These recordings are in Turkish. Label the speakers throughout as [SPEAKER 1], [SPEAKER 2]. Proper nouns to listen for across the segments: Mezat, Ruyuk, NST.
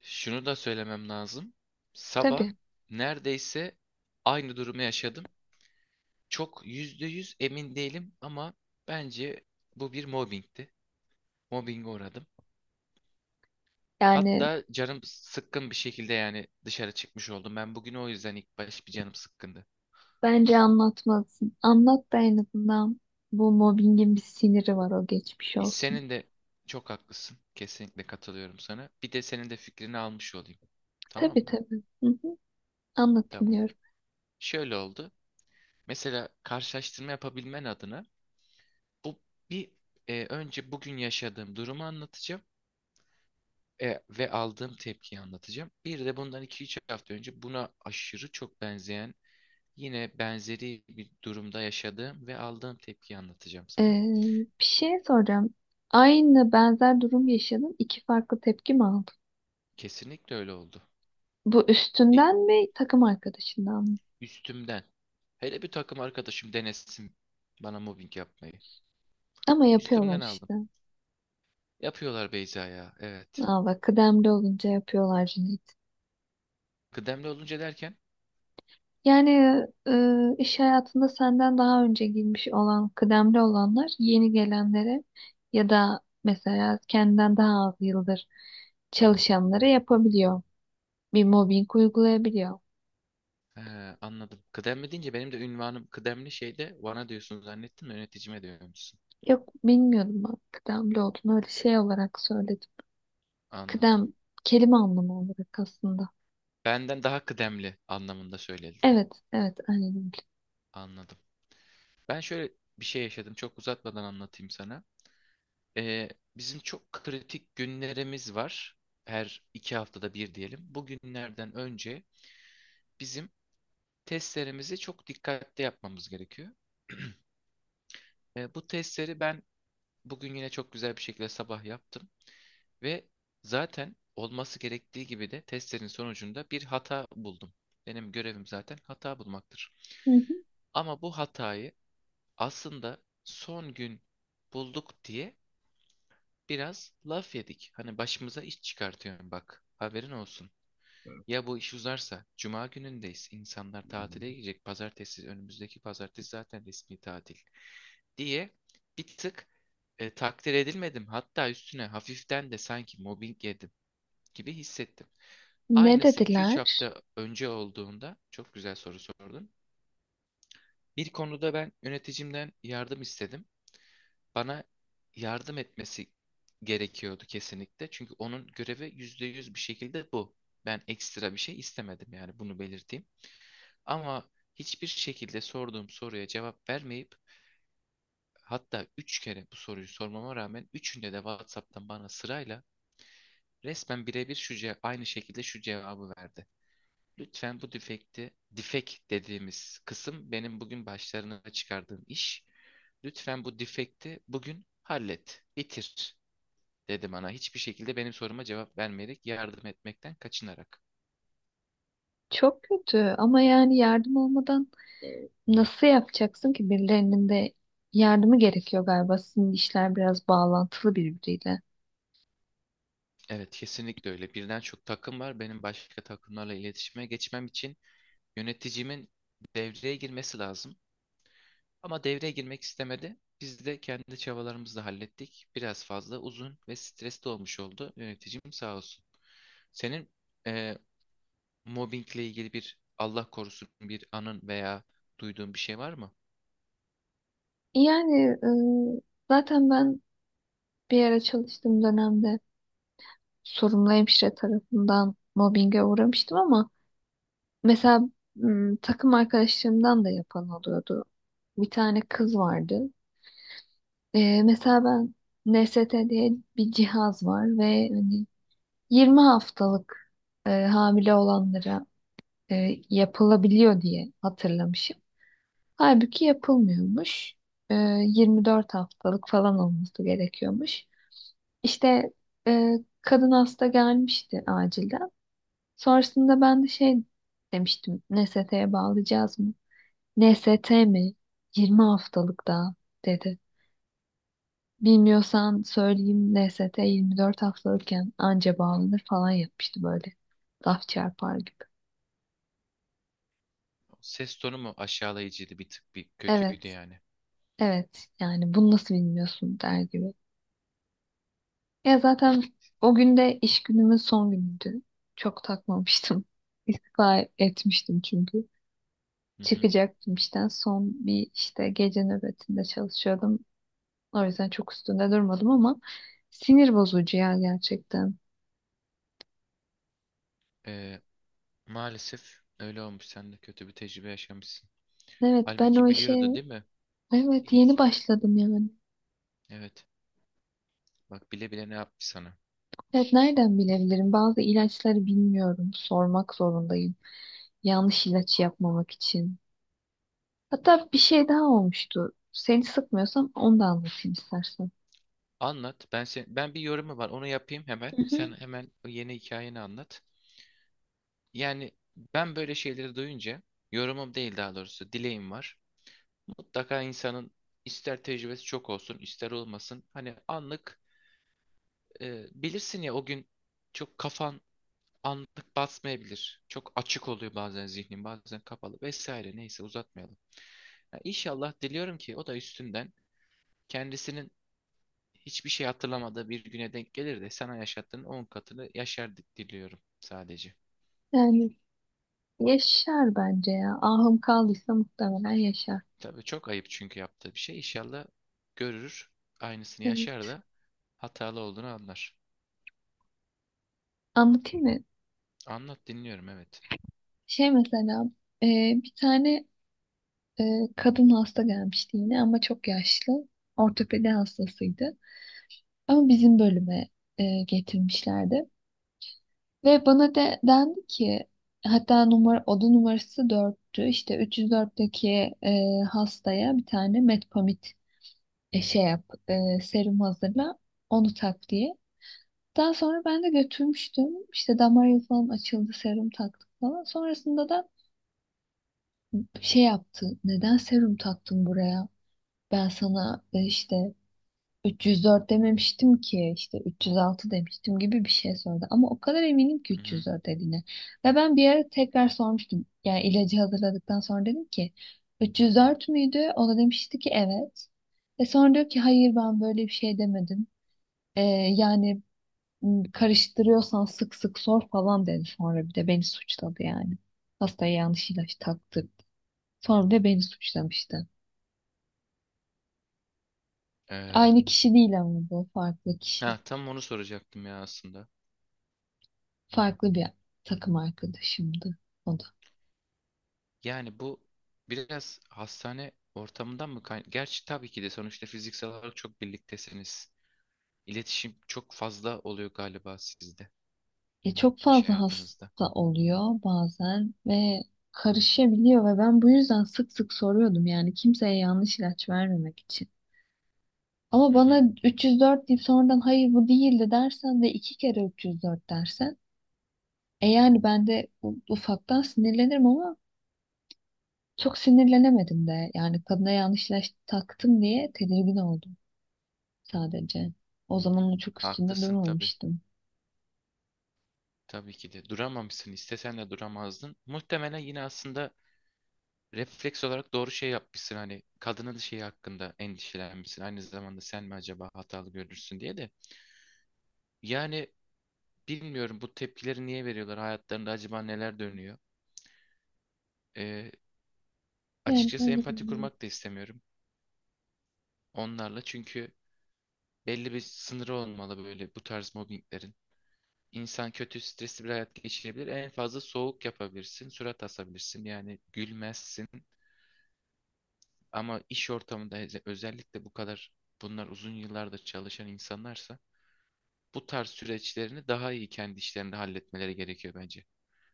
[SPEAKER 1] Şunu da söylemem lazım. Sabah
[SPEAKER 2] Tabii.
[SPEAKER 1] neredeyse aynı durumu yaşadım. Çok %100 emin değilim ama bence bu bir mobbingti. Mobbinge uğradım.
[SPEAKER 2] Yani
[SPEAKER 1] Hatta canım sıkkın bir şekilde yani dışarı çıkmış oldum. Ben bugün o yüzden ilk baş bir canım sıkkındı.
[SPEAKER 2] bence anlatmalısın. Anlat da en azından bu mobbingin bir siniri var o geçmiş olsun.
[SPEAKER 1] Senin de çok haklısın. Kesinlikle katılıyorum sana. Bir de senin de fikrini almış olayım. Tamam
[SPEAKER 2] Tabii
[SPEAKER 1] mı?
[SPEAKER 2] tabii. Hı hı. Anlat
[SPEAKER 1] Tamam.
[SPEAKER 2] dinliyorum.
[SPEAKER 1] Şöyle oldu. Mesela karşılaştırma yapabilmen adına Bu bir önce bugün yaşadığım durumu anlatacağım, ve aldığım tepkiyi anlatacağım. Bir de bundan 2-3 hafta önce buna aşırı çok benzeyen yine benzeri bir durumda yaşadığım ve aldığım tepkiyi anlatacağım sana.
[SPEAKER 2] Ee, Bir şey soracağım. Aynı benzer durum yaşadın. İki farklı tepki mi aldın?
[SPEAKER 1] Kesinlikle öyle oldu.
[SPEAKER 2] Bu
[SPEAKER 1] E,
[SPEAKER 2] üstünden mi takım arkadaşından mı?
[SPEAKER 1] üstümden. Hele bir takım arkadaşım denesin bana mobbing yapmayı.
[SPEAKER 2] Ama yapıyorlar
[SPEAKER 1] Üstümden aldım.
[SPEAKER 2] işte.
[SPEAKER 1] Yapıyorlar Beyza ya. Evet.
[SPEAKER 2] Aa bak kıdemli olunca yapıyorlar Cüneyt.
[SPEAKER 1] Kıdemli olunca derken
[SPEAKER 2] Yani iş hayatında senden daha önce girmiş olan, kıdemli olanlar yeni gelenlere ya da mesela kendinden daha az yıldır çalışanlara yapabiliyor. Bir mobbing uygulayabiliyor.
[SPEAKER 1] he, anladım. Kıdemli deyince benim de ünvanım kıdemli şeyde bana diyorsun zannettim de yöneticime diyormuşsun.
[SPEAKER 2] Yok bilmiyorum, ben kıdemli olduğunu öyle şey olarak söyledim.
[SPEAKER 1] Anladım.
[SPEAKER 2] Kıdem kelime anlamı olarak aslında.
[SPEAKER 1] Benden daha kıdemli anlamında söyledin.
[SPEAKER 2] Evet, evet aynen öyle.
[SPEAKER 1] Anladım. Ben şöyle bir şey yaşadım. Çok uzatmadan anlatayım sana. Ee, bizim çok kritik günlerimiz var. Her 2 haftada bir diyelim. Bu günlerden önce bizim testlerimizi çok dikkatli yapmamız gerekiyor. Bu testleri ben bugün yine çok güzel bir şekilde sabah yaptım. Ve zaten olması gerektiği gibi de testlerin sonucunda bir hata buldum. Benim görevim zaten hata bulmaktır.
[SPEAKER 2] Hı hı.
[SPEAKER 1] Ama bu hatayı aslında son gün bulduk diye biraz laf yedik. Hani başımıza iş çıkartıyorum bak. Haberin olsun. Ya bu iş uzarsa, cuma günündeyiz. İnsanlar tatile gidecek pazartesi, önümüzdeki pazartesi zaten resmi tatil diye bir tık takdir edilmedim. Hatta üstüne hafiften de sanki mobbing yedim gibi hissettim.
[SPEAKER 2] Ne
[SPEAKER 1] Aynısı iki üç
[SPEAKER 2] dediler?
[SPEAKER 1] hafta önce olduğunda çok güzel soru sordun. Bir konuda ben yöneticimden yardım istedim. Bana yardım etmesi gerekiyordu kesinlikle. Çünkü onun görevi %100 bir şekilde bu. Ben ekstra bir şey istemedim yani bunu belirteyim. Ama hiçbir şekilde sorduğum soruya cevap vermeyip hatta 3 kere bu soruyu sormama rağmen üçünde de WhatsApp'tan bana sırayla resmen birebir şu aynı şekilde şu cevabı verdi. Lütfen bu defekti, defek dediğimiz kısım benim bugün başlarına çıkardığım iş. Lütfen bu defekti bugün hallet, bitir dedi bana. Hiçbir şekilde benim soruma cevap vermeyerek, yardım etmekten kaçınarak.
[SPEAKER 2] Çok kötü ama yani yardım olmadan nasıl yapacaksın ki, birilerinin de yardımı gerekiyor galiba. Sizin işler biraz bağlantılı birbiriyle.
[SPEAKER 1] Evet, kesinlikle öyle. Birden çok takım var. Benim başka takımlarla iletişime geçmem için yöneticimin devreye girmesi lazım. Ama devreye girmek istemedi. Biz de kendi çabalarımızla hallettik. Biraz fazla uzun ve stresli olmuş oldu. Yöneticim sağ olsun. Senin eee, mobbingle ilgili bir Allah korusun bir anın veya duyduğun bir şey var mı?
[SPEAKER 2] Yani e, zaten ben bir ara çalıştığım dönemde sorumlu hemşire tarafından mobbinge uğramıştım, ama mesela takım arkadaşlarımdan da yapan oluyordu. Bir tane kız vardı. Mesela ben NST diye bir cihaz var ve hani 20 haftalık hamile olanlara yapılabiliyor diye hatırlamışım. Halbuki yapılmıyormuş. Ee, 24 haftalık falan olması gerekiyormuş. İşte e, kadın hasta gelmişti acilden. Sonrasında ben de şey demiştim. NST'ye bağlayacağız mı? NST mi? 20 haftalık daha dedi. Bilmiyorsan söyleyeyim, NST 24 haftalıkken anca bağlanır falan yapmıştı böyle. Laf çarpar gibi.
[SPEAKER 1] Ses tonu mu aşağılayıcıydı, bir tık bir
[SPEAKER 2] Evet,
[SPEAKER 1] kötüydü yani.
[SPEAKER 2] evet yani bunu nasıl bilmiyorsun der gibi. Ya zaten o gün de iş günümün son günüydü. Çok takmamıştım. İstifa etmiştim çünkü.
[SPEAKER 1] Hı hı.
[SPEAKER 2] Çıkacaktım işten. Son bir işte gece nöbetinde çalışıyordum. O yüzden çok üstünde durmadım, ama sinir bozucu ya gerçekten.
[SPEAKER 1] Ee, maalesef öyle olmuş. Sen de kötü bir tecrübe yaşamışsın.
[SPEAKER 2] Evet ben o
[SPEAKER 1] Halbuki
[SPEAKER 2] işe
[SPEAKER 1] biliyordu değil mi?
[SPEAKER 2] evet
[SPEAKER 1] İlk,
[SPEAKER 2] yeni başladım yani.
[SPEAKER 1] evet. Bak bile bile ne yapmış sana.
[SPEAKER 2] Evet, nereden bilebilirim? Bazı ilaçları bilmiyorum. Sormak zorundayım. Yanlış ilaç yapmamak için. Hatta bir şey daha olmuştu. Seni sıkmıyorsam onu da anlatayım istersen.
[SPEAKER 1] Anlat. Ben bir yorumu var. Onu yapayım hemen.
[SPEAKER 2] Hı
[SPEAKER 1] Sen
[SPEAKER 2] hı.
[SPEAKER 1] hemen o yeni hikayeni anlat. Yani ben böyle şeyleri duyunca yorumum değil, daha doğrusu dileğim var. Mutlaka insanın ister tecrübesi çok olsun, ister olmasın. Hani anlık bilirsin ya o gün çok kafan anlık basmayabilir. Çok açık oluyor bazen zihnin, bazen kapalı vesaire. Neyse uzatmayalım. Ya İnşallah diliyorum ki o da üstünden kendisinin hiçbir şey hatırlamadığı bir güne denk gelir de sana yaşattığın 10 katını yaşar diliyorum sadece.
[SPEAKER 2] Yani yaşar bence ya. Ahım kaldıysa muhtemelen yaşar.
[SPEAKER 1] Tabii çok ayıp çünkü yaptığı bir şey. İnşallah görür, aynısını yaşar
[SPEAKER 2] Evet.
[SPEAKER 1] da hatalı olduğunu anlar.
[SPEAKER 2] Anlatayım mı?
[SPEAKER 1] Anlat, dinliyorum, evet.
[SPEAKER 2] Şey mesela e, bir tane e, kadın hasta gelmişti yine ama çok yaşlı. Ortopedi hastasıydı. Ama bizim bölüme getirmişlerdi. Ve bana dendi ki, hatta numara, oda numarası 4'tü. İşte 304'teki hastaya bir tane metpamit şey yap, serum hazırla, onu tak diye. Daha sonra ben de götürmüştüm. İşte damar yolu falan açıldı, serum taktık falan. Sonrasında da şey yaptı. Neden serum taktın buraya? Ben sana işte 304 dememiştim ki, işte 306 demiştim gibi bir şey sordu. Ama o kadar eminim ki
[SPEAKER 1] Mhm.
[SPEAKER 2] 304 dediğine. Ve ben bir ara tekrar sormuştum. Yani ilacı hazırladıktan sonra dedim ki 304 müydü? O da demişti ki evet. Sonra diyor ki hayır ben böyle bir şey demedim. E, Yani "Hmm, karıştırıyorsan sık sık sor" falan dedi. Sonra bir de beni suçladı yani. Hastaya yanlış ilaç taktırdı. Sonra da beni suçlamıştı.
[SPEAKER 1] Ee,
[SPEAKER 2] Aynı kişi değil ama, bu farklı kişi.
[SPEAKER 1] ha, tam onu soracaktım ya aslında.
[SPEAKER 2] Farklı bir takım arkadaşımdı o da.
[SPEAKER 1] Yani bu biraz hastane ortamından mı gerçi tabii ki de sonuçta fiziksel olarak çok birliktesiniz. İletişim çok fazla oluyor galiba sizde,
[SPEAKER 2] Çok
[SPEAKER 1] iş
[SPEAKER 2] fazla
[SPEAKER 1] hayatınızda.
[SPEAKER 2] hasta oluyor bazen ve karışabiliyor, ve ben bu yüzden sık sık soruyordum yani kimseye yanlış ilaç vermemek için. Ama
[SPEAKER 1] Hı hı,
[SPEAKER 2] bana 304 deyip sonradan hayır bu değildi dersen ve iki kere 304 dersen, yani ben de ufaktan sinirlenirim ama çok sinirlenemedim de. Yani kadına yanlışlaş taktım diye tedirgin oldum sadece. O zaman çok üstünde
[SPEAKER 1] haklısın tabii.
[SPEAKER 2] durmamıştım.
[SPEAKER 1] Tabii ki de duramamışsın. İstesen de duramazdın. Muhtemelen yine aslında refleks olarak doğru şey yapmışsın. Hani kadının şeyi hakkında endişelenmişsin. Aynı zamanda sen mi acaba hatalı görürsün diye de. Yani bilmiyorum, bu tepkileri niye veriyorlar? Hayatlarında acaba neler dönüyor? Ee,
[SPEAKER 2] Yani
[SPEAKER 1] açıkçası
[SPEAKER 2] ben de
[SPEAKER 1] empati
[SPEAKER 2] bilmiyorum.
[SPEAKER 1] kurmak da istemiyorum onlarla. Çünkü belli bir sınırı olmalı böyle bu tarz mobbinglerin. İnsan kötü, stresli bir hayat geçirebilir. En fazla soğuk yapabilirsin, surat asabilirsin. Yani gülmezsin. Ama iş ortamında özellikle bu kadar, bunlar uzun yıllarda çalışan insanlarsa bu tarz süreçlerini daha iyi kendi işlerinde halletmeleri gerekiyor bence.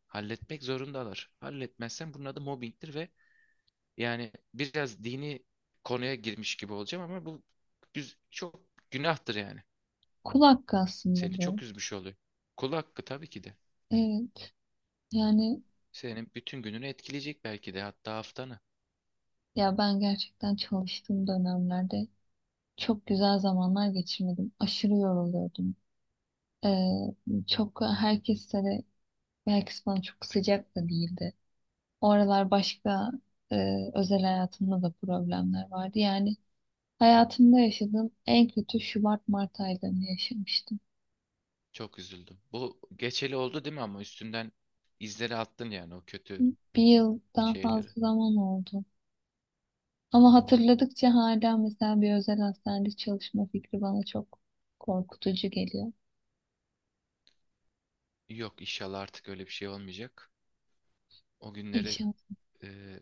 [SPEAKER 1] Halletmek zorundalar. Halletmezsen bunun adı mobbingtir. Ve yani biraz dini konuya girmiş gibi olacağım ama bu çok günahtır yani.
[SPEAKER 2] Kul hakkı aslında
[SPEAKER 1] Seni
[SPEAKER 2] bu.
[SPEAKER 1] çok üzmüş oluyor. Kul hakkı tabii ki de.
[SPEAKER 2] Evet. Yani
[SPEAKER 1] Senin bütün gününü etkileyecek belki de, hatta haftanı.
[SPEAKER 2] ya, ben gerçekten çalıştığım dönemlerde çok güzel zamanlar geçirmedim. Aşırı yoruluyordum. Ee, çok herkese de Herkes bana çok sıcak da değildi. O aralar başka e, özel hayatımda da problemler vardı. Yani hayatımda yaşadığım en kötü Şubat-Mart aylarını yaşamıştım.
[SPEAKER 1] Çok üzüldüm. Bu geçeli oldu değil mi ama üstünden izleri attın yani o kötü
[SPEAKER 2] Bir yıldan
[SPEAKER 1] şeyleri.
[SPEAKER 2] fazla zaman oldu. Ama hatırladıkça hala mesela bir özel hastanede çalışma fikri bana çok korkutucu geliyor.
[SPEAKER 1] Yok, inşallah artık öyle bir şey olmayacak. O günleri
[SPEAKER 2] İnşallah,
[SPEAKER 1] e,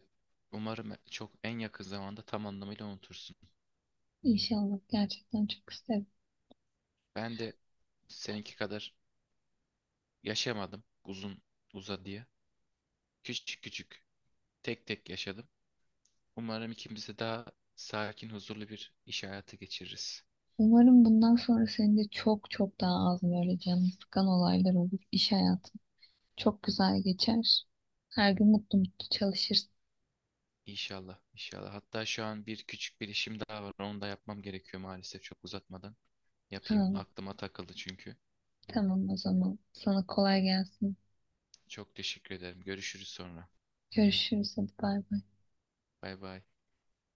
[SPEAKER 1] umarım çok en yakın zamanda tam anlamıyla unutursun.
[SPEAKER 2] inşallah gerçekten çok isterim.
[SPEAKER 1] Ben de seninki kadar yaşamadım uzun uzadıya. Küçük küçük, tek tek yaşadım. Umarım ikimiz de daha sakin, huzurlu bir iş hayatı geçiririz.
[SPEAKER 2] Umarım bundan sonra senin de çok çok daha az böyle canını sıkan olaylar olur. İş hayatın çok güzel geçer. Her gün mutlu mutlu çalışırsın.
[SPEAKER 1] İnşallah, inşallah. Hatta şu an bir küçük bir işim daha var. Onu da yapmam gerekiyor maalesef çok uzatmadan. Yapayım.
[SPEAKER 2] Ha.
[SPEAKER 1] Aklıma takıldı çünkü.
[SPEAKER 2] Tamam o zaman. Sana kolay gelsin.
[SPEAKER 1] Çok teşekkür ederim. Görüşürüz sonra.
[SPEAKER 2] Görüşürüz. Hadi bay bay.
[SPEAKER 1] Bay bay.